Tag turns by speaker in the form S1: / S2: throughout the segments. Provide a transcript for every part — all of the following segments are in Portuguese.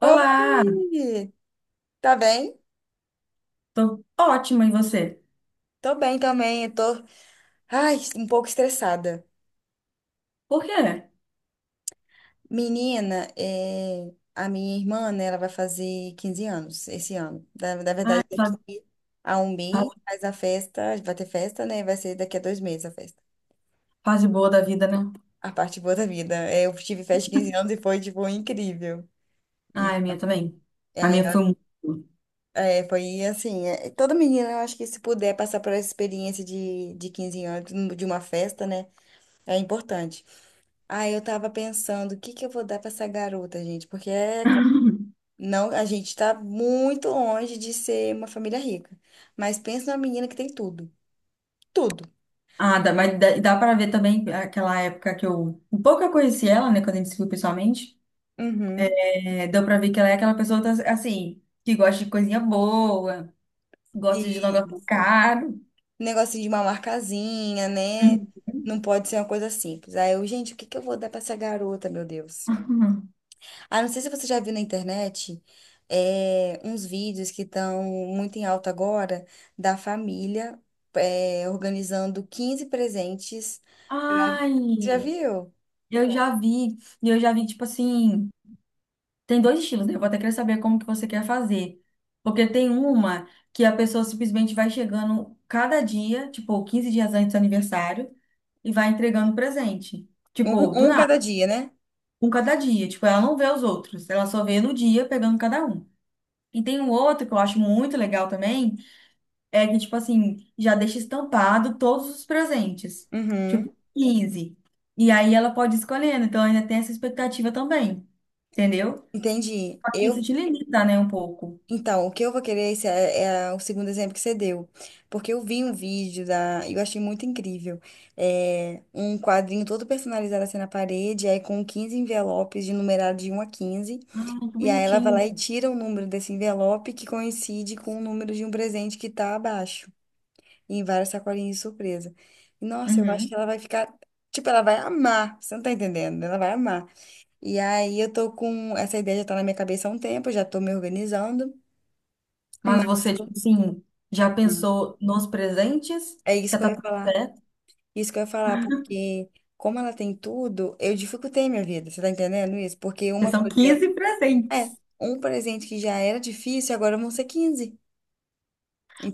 S1: Olá,
S2: Oi! Tá bem?
S1: tô ótima, e você?
S2: Tô bem também, eu tô, ai, um pouco estressada.
S1: Por quê?
S2: Menina, é, a minha irmã, né, ela vai fazer 15 anos esse ano. Na
S1: Ai,
S2: verdade,
S1: fase,
S2: daqui a um mês
S1: fase-
S2: faz a festa, vai ter festa, né? Vai ser daqui a dois meses a festa.
S1: fase boa da vida, né?
S2: A parte boa da vida. É, eu tive festa de 15 anos e foi, tipo, incrível.
S1: Ai, a minha também.
S2: E
S1: A
S2: aí,
S1: minha foi muito boa.
S2: é, foi assim, é, toda menina, eu acho que se puder passar por essa experiência de 15 anos, de uma festa, né, é importante. Ah, eu tava pensando, o que que eu vou dar pra essa garota, gente? Porque não, a gente tá muito longe de ser uma família rica. Mas pensa numa menina que tem tudo. Tudo.
S1: Ah, dá, mas dá pra ver também aquela época que eu. Um pouco eu conheci ela, né, quando a gente se viu pessoalmente.
S2: Uhum.
S1: É, deu pra ver que ela é aquela pessoa, assim, que gosta de coisinha boa, gosta de negócio
S2: Isso.
S1: caro.
S2: Negocinho de uma marcazinha, né? Não pode ser uma coisa simples. Aí eu, gente, o que que eu vou dar pra essa garota, meu Deus? Ah, não sei se você já viu na internet, é, uns vídeos que estão muito em alta agora da família, é, organizando 15 presentes.
S1: Ai,
S2: Você já viu?
S1: eu já vi, tipo assim. Tem dois estilos, né? Eu vou até querer saber como que você quer fazer. Porque tem uma que a pessoa simplesmente vai chegando cada dia, tipo, 15 dias antes do aniversário, e vai entregando presente. Tipo, do
S2: Um
S1: nada,
S2: cada dia, né?
S1: um cada dia. Tipo, ela não vê os outros, ela só vê no dia pegando cada um. E tem um outro que eu acho muito legal também, é que, tipo assim, já deixa estampado todos os presentes.
S2: Uhum,
S1: Tipo, 15. E aí ela pode ir escolhendo, então ainda tem essa expectativa também. Entendeu?
S2: entendi.
S1: Só que isso
S2: Eu,
S1: te limita, né, um pouco.
S2: então, o que eu vou querer esse é, é o segundo exemplo que você deu. Porque eu vi um vídeo da. Eu achei muito incrível. É, um quadrinho todo personalizado assim na parede, aí com 15 envelopes de numerado de um a quinze.
S1: Ai, que
S2: E aí ela vai
S1: bonitinho.
S2: lá e tira o número desse envelope que coincide com o número de um presente que tá abaixo. Em várias sacolinhas de surpresa. Nossa, eu acho
S1: Uhum.
S2: que ela vai ficar. Tipo, ela vai amar. Você não tá entendendo? Ela vai amar. E aí eu tô com. Essa ideia já tá na minha cabeça há um tempo, já tô me organizando.
S1: Mas
S2: Mas
S1: você, tipo assim, já pensou nos presentes?
S2: é isso
S1: Já
S2: que eu
S1: tá
S2: ia
S1: tudo
S2: falar.
S1: certo?
S2: Isso que eu ia falar, porque como ela tem tudo, eu dificultei minha vida. Você tá entendendo isso? Porque
S1: Porque
S2: uma
S1: são
S2: coisa que era.
S1: 15
S2: É,
S1: presentes.
S2: um presente que já era difícil, agora vão ser 15.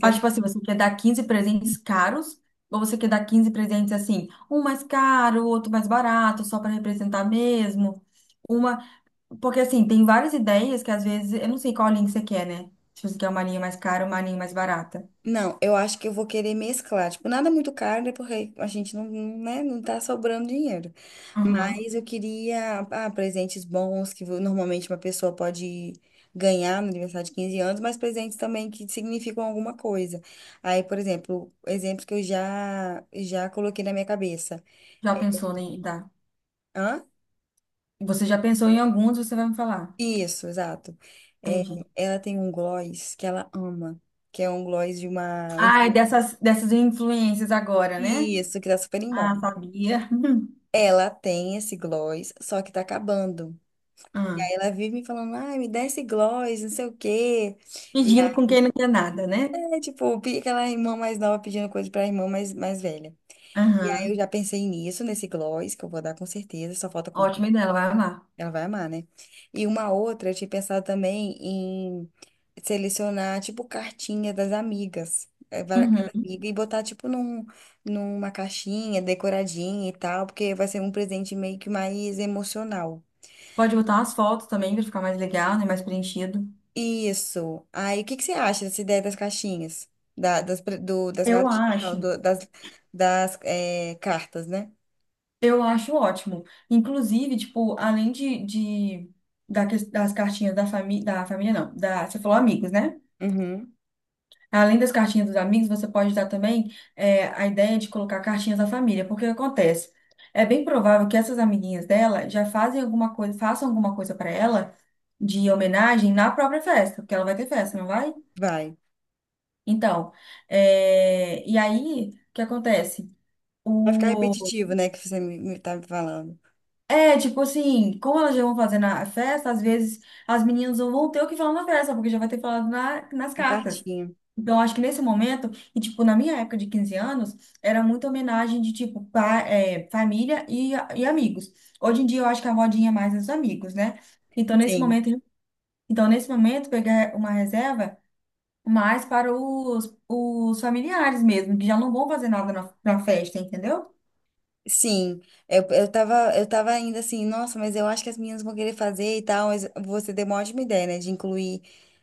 S1: Mas, tipo assim, você quer dar 15 presentes caros? Ou você quer dar quinze presentes assim, um mais caro, outro mais barato, só para representar mesmo? Uma. Porque, assim, tem várias ideias que às vezes. Eu não sei qual linha que você quer, né? Se você quer uma linha mais cara ou uma linha mais barata.
S2: Não, eu acho que eu vou querer mesclar. Tipo, nada muito caro, né? Porque a gente não, né, não tá sobrando dinheiro.
S1: Uhum.
S2: Mas eu queria, ah, presentes bons, que normalmente uma pessoa pode ganhar no aniversário de 15 anos, mas presentes também que significam alguma coisa. Aí, por exemplo, exemplos que eu já coloquei na minha cabeça.
S1: Já pensou em dar?
S2: Hã?
S1: Você já pensou em alguns, você vai me falar.
S2: Isso, exato. É,
S1: Entendi.
S2: ela tem um gloss que ela ama, que é um gloss de uma...
S1: Ai, dessas influências agora, né?
S2: Isso, que tá super em
S1: Ah,
S2: moda.
S1: sabia.
S2: Ela tem esse gloss, só que tá acabando. E aí
S1: Ah.
S2: ela vive me falando, ai, me dá esse gloss, não sei o quê. E
S1: Fingindo com
S2: aí,
S1: quem não quer nada, né?
S2: é, tipo, aquela irmã mais nova pedindo coisa pra irmã mais velha. E aí eu
S1: Aham.
S2: já pensei nisso, nesse gloss, que eu vou dar com certeza, só falta comprar.
S1: Ótima ideia, ela vai amar.
S2: Ela vai amar, né? E uma outra, eu tinha pensado também em selecionar, tipo, cartinha das amigas. É, vai cada
S1: Uhum.
S2: amiga e botar, tipo, num, numa caixinha decoradinha e tal, porque vai ser um presente meio que mais emocional.
S1: Pode botar umas fotos também pra ficar mais legal, né? Mais preenchido.
S2: Isso. Aí, o que que você acha dessa ideia das caixinhas? Da- das, pre- do, das
S1: Eu
S2: caixinhas, não,
S1: acho.
S2: das é, cartas, né?
S1: Eu acho ótimo. Inclusive, tipo, além de das cartinhas da família não, da, você falou amigos, né?
S2: Uhum,
S1: Além das cartinhas dos amigos, você pode dar também a ideia de colocar cartinhas da família, porque o que acontece? É bem provável que essas amiguinhas dela já fazem alguma coisa, façam alguma coisa para ela de homenagem na própria festa, porque ela vai ter festa, não vai?
S2: vai.
S1: Então, e aí, o que acontece?
S2: Vai ficar repetitivo, né, que você me tá me falando.
S1: É, tipo assim, como elas já vão fazer na festa, às vezes as meninas não vão ter o que falar na festa, porque já vai ter falado nas
S2: Uma
S1: cartas.
S2: cartinha.
S1: Então, acho que nesse momento, e tipo, na minha época de 15 anos, era muita homenagem de tipo, família e amigos. Hoje em dia, eu acho que a modinha é mais os amigos, né? Então, nesse
S2: Sim.
S1: momento, então, nesse momento, pegar uma reserva mais para os familiares mesmo, que já não vão fazer nada na festa, entendeu?
S2: Sim. Eu, eu tava ainda assim, nossa, mas eu acho que as meninas vão querer fazer e tal, mas você deu uma ótima ideia, né, de incluir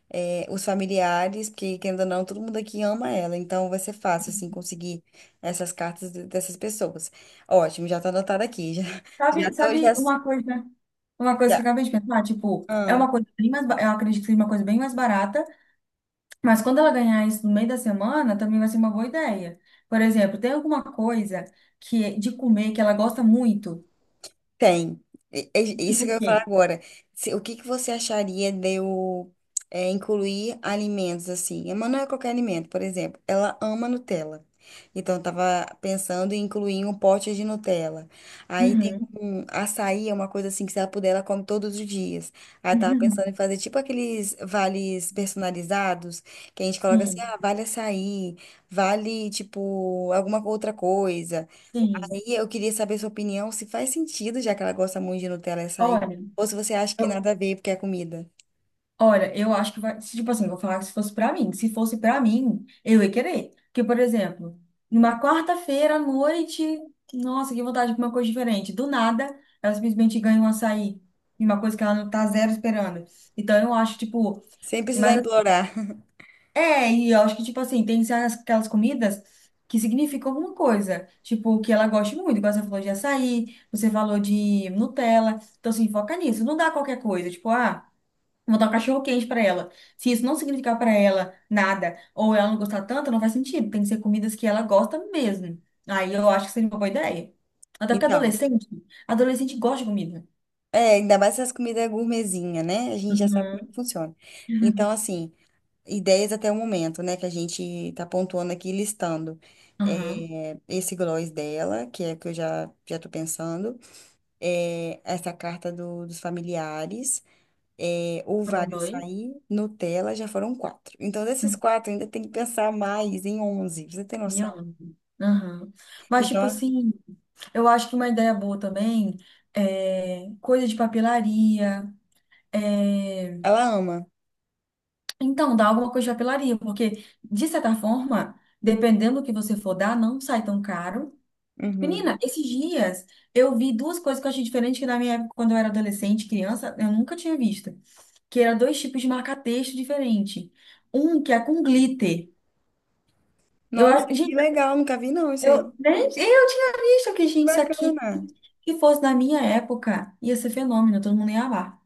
S2: é, os familiares, porque querendo ou não, todo mundo aqui ama ela, então vai ser fácil, assim, conseguir essas cartas dessas pessoas. Ótimo, já tá anotado aqui, já, já
S1: Sabe,
S2: tô, já,
S1: sabe uma coisa? Uma coisa que eu
S2: já,
S1: acabei de pensar, tipo, é uma coisa bem mais, eu acredito que seja uma coisa bem mais barata, mas quando ela ganhar isso no meio da semana, também vai ser uma boa ideia. Por exemplo, tem alguma coisa que é de comer que ela gosta muito?
S2: tem.
S1: Tipo
S2: Isso que
S1: o
S2: eu ia falar
S1: quê?
S2: agora. O que que você acharia de eu é, incluir alimentos assim? A Manu é qualquer alimento, por exemplo. Ela ama Nutella. Então, eu tava pensando em incluir um pote de Nutella. Aí tem
S1: Uhum.
S2: um açaí, é uma coisa assim que se ela puder, ela come todos os dias. Aí eu tava pensando em fazer tipo aqueles vales personalizados, que a gente coloca assim,
S1: Sim,
S2: ah, vale açaí, vale tipo alguma outra coisa.
S1: sim.
S2: E eu queria saber sua opinião, se faz sentido, já que ela gosta muito de Nutella e açaí,
S1: Olha,
S2: ou se você acha que
S1: eu,
S2: nada a ver porque é comida.
S1: Olha, eu acho que vai. Se, Tipo assim, vou falar que se fosse pra mim. Se fosse pra mim, eu ia querer. Porque, por exemplo, numa quarta-feira à noite, nossa, que vontade de comer uma coisa diferente. Do nada, ela simplesmente ganha um açaí. E uma coisa que ela não tá zero esperando. Então, eu acho, tipo.
S2: Sem precisar
S1: Mas
S2: implorar.
S1: e eu acho que, tipo assim, tem que aquelas comidas que significam alguma coisa. Tipo, que ela goste muito. Igual você falou de açaí, você falou de Nutella. Então, assim, foca nisso. Não dá qualquer coisa. Tipo, ah. Vou dar um cachorro quente pra ela. Se isso não significar pra ela nada, ou ela não gostar tanto, não faz sentido. Tem que ser comidas que ela gosta mesmo. Aí eu acho que seria uma boa ideia. Até porque
S2: Então,
S1: adolescente, adolescente gosta de comida.
S2: é, ainda mais essas comidas gourmetzinha, né? A gente já sabe como é que
S1: Uhum.
S2: funciona. Então, assim, ideias até o momento, né? Que a gente tá pontuando aqui, listando.
S1: Aham.
S2: É, esse gloss dela, que é o que eu já tô pensando. É, essa carta dos familiares. É, o
S1: Foram
S2: Vale
S1: dois.
S2: Sair, Nutella, já foram quatro. Então, desses
S1: Uhum.
S2: quatro, ainda tem que pensar mais em onze. Você tem
S1: E
S2: noção?
S1: onde? Aham. Mas, tipo
S2: Então,
S1: assim, eu acho que uma ideia boa também é coisa de papelaria. é,
S2: ela ama.
S1: Então, dá alguma coisa de papelaria, porque, de certa forma, dependendo do que você for dar, não sai tão caro. Menina,
S2: Uhum.
S1: esses dias eu vi duas coisas que eu achei diferente que na minha época, quando eu era adolescente, criança, eu nunca tinha visto. Que eram dois tipos de marca-texto diferente. Um que é com glitter. Eu,
S2: Nossa,
S1: a-
S2: que
S1: gente,
S2: legal, nunca vi não isso aí.
S1: eu nem eu tinha visto que,
S2: Que
S1: gente, isso aqui,
S2: bacana.
S1: se fosse na minha época, ia ser fenômeno, todo mundo ia amar.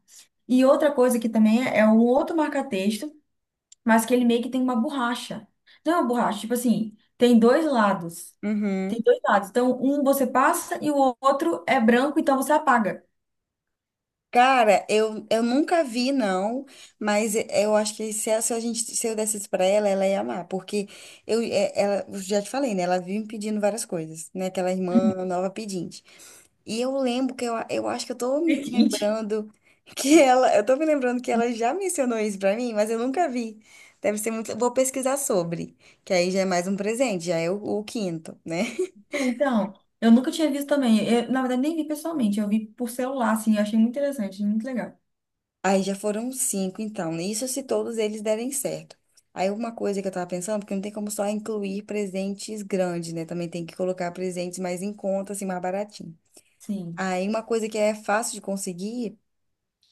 S1: E outra coisa que também é um outro marca-texto, mas que ele meio que tem uma borracha. Não é uma borracha, tipo assim, tem dois lados. Tem
S2: Uhum.
S1: dois lados. Então, um você passa e o outro é branco, então você apaga.
S2: Cara, eu nunca vi, não, mas eu acho que se, se a gente, se eu desse isso pra ela, ela ia amar, porque eu, ela, eu já te falei, né? Ela vive me pedindo várias coisas, né? Aquela irmã nova pedinte. E eu lembro que eu acho que eu tô me
S1: Entendi.
S2: lembrando que ela, eu tô me lembrando que ela já mencionou isso pra mim, mas eu nunca vi. Deve ser muito, eu vou pesquisar sobre, que aí já é mais um presente, já é o quinto, né?
S1: Então, eu nunca tinha visto também. Eu, na verdade, nem vi pessoalmente, eu vi por celular, assim, eu achei muito interessante, muito legal.
S2: Aí já foram cinco, então, isso se todos eles derem certo. Aí uma coisa que eu tava pensando, porque não tem como só incluir presentes grandes, né? Também tem que colocar presentes mais em conta, assim, mais baratinho.
S1: Sim.
S2: Aí uma coisa que é fácil de conseguir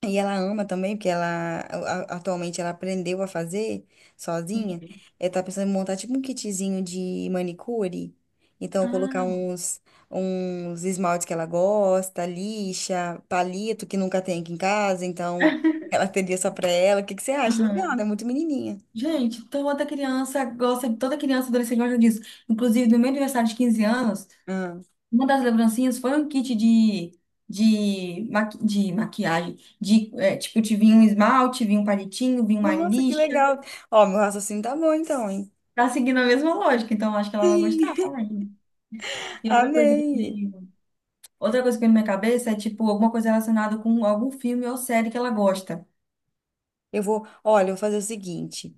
S2: e ela ama também, porque ela atualmente ela aprendeu a fazer sozinha.
S1: Ok.
S2: Ela tá pensando em montar tipo um kitzinho de manicure. Então, colocar
S1: Ah,
S2: uns, uns esmaltes que ela gosta, lixa, palito que nunca tem aqui em casa. Então, ela teria só pra ela. O que que você acha? Legal,
S1: aham.
S2: né? Muito menininha.
S1: Gente, toda criança gosta, toda criança e adolescente gosta disso. Inclusive, no meu aniversário de 15 anos,
S2: Ah.
S1: uma das lembrancinhas foi um kit de maquiagem. Tipo, te vinha um esmalte, vinha um palitinho, vinha uma
S2: Nossa, que
S1: lixa.
S2: legal. Ó, meu raciocínio tá bom então, hein?
S1: Tá seguindo a mesma lógica, então eu acho que ela vai gostar,
S2: Sim,
S1: né? E
S2: amei.
S1: outra coisa que veio na minha cabeça é tipo alguma coisa relacionada com algum filme ou série que ela gosta.
S2: Eu vou, olha, eu vou fazer o seguinte.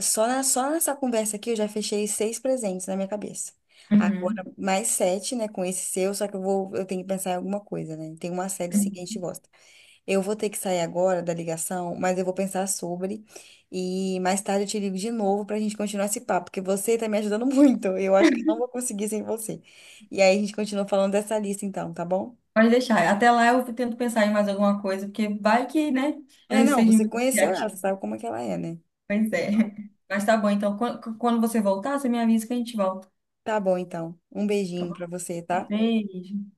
S2: Só, só nessa conversa aqui eu já fechei seis presentes na minha cabeça. Agora,
S1: Uhum.
S2: mais sete, né, com esse seu, só que eu vou, eu tenho que pensar em alguma coisa, né? Tem uma série sim que a gente
S1: Uhum.
S2: gosta. Eu vou ter que sair agora da ligação, mas eu vou pensar sobre. E mais tarde eu te ligo de novo pra gente continuar esse papo, porque você tá me ajudando muito. Eu acho que eu não vou conseguir sem você. E aí a gente continua falando dessa lista então, tá bom?
S1: Pode deixar. Até lá eu tento pensar em mais alguma coisa, porque vai que, né,
S2: É,
S1: eu
S2: não,
S1: seja
S2: você
S1: muito
S2: conheceu ela,
S1: criativa.
S2: sabe como é que ela é, né?
S1: Pois é.
S2: Então,
S1: Mas tá bom, então quando você voltar, você me avisa que a gente volta.
S2: tá bom então. Um
S1: Tá
S2: beijinho
S1: bom?
S2: pra você, tá?
S1: Beijo.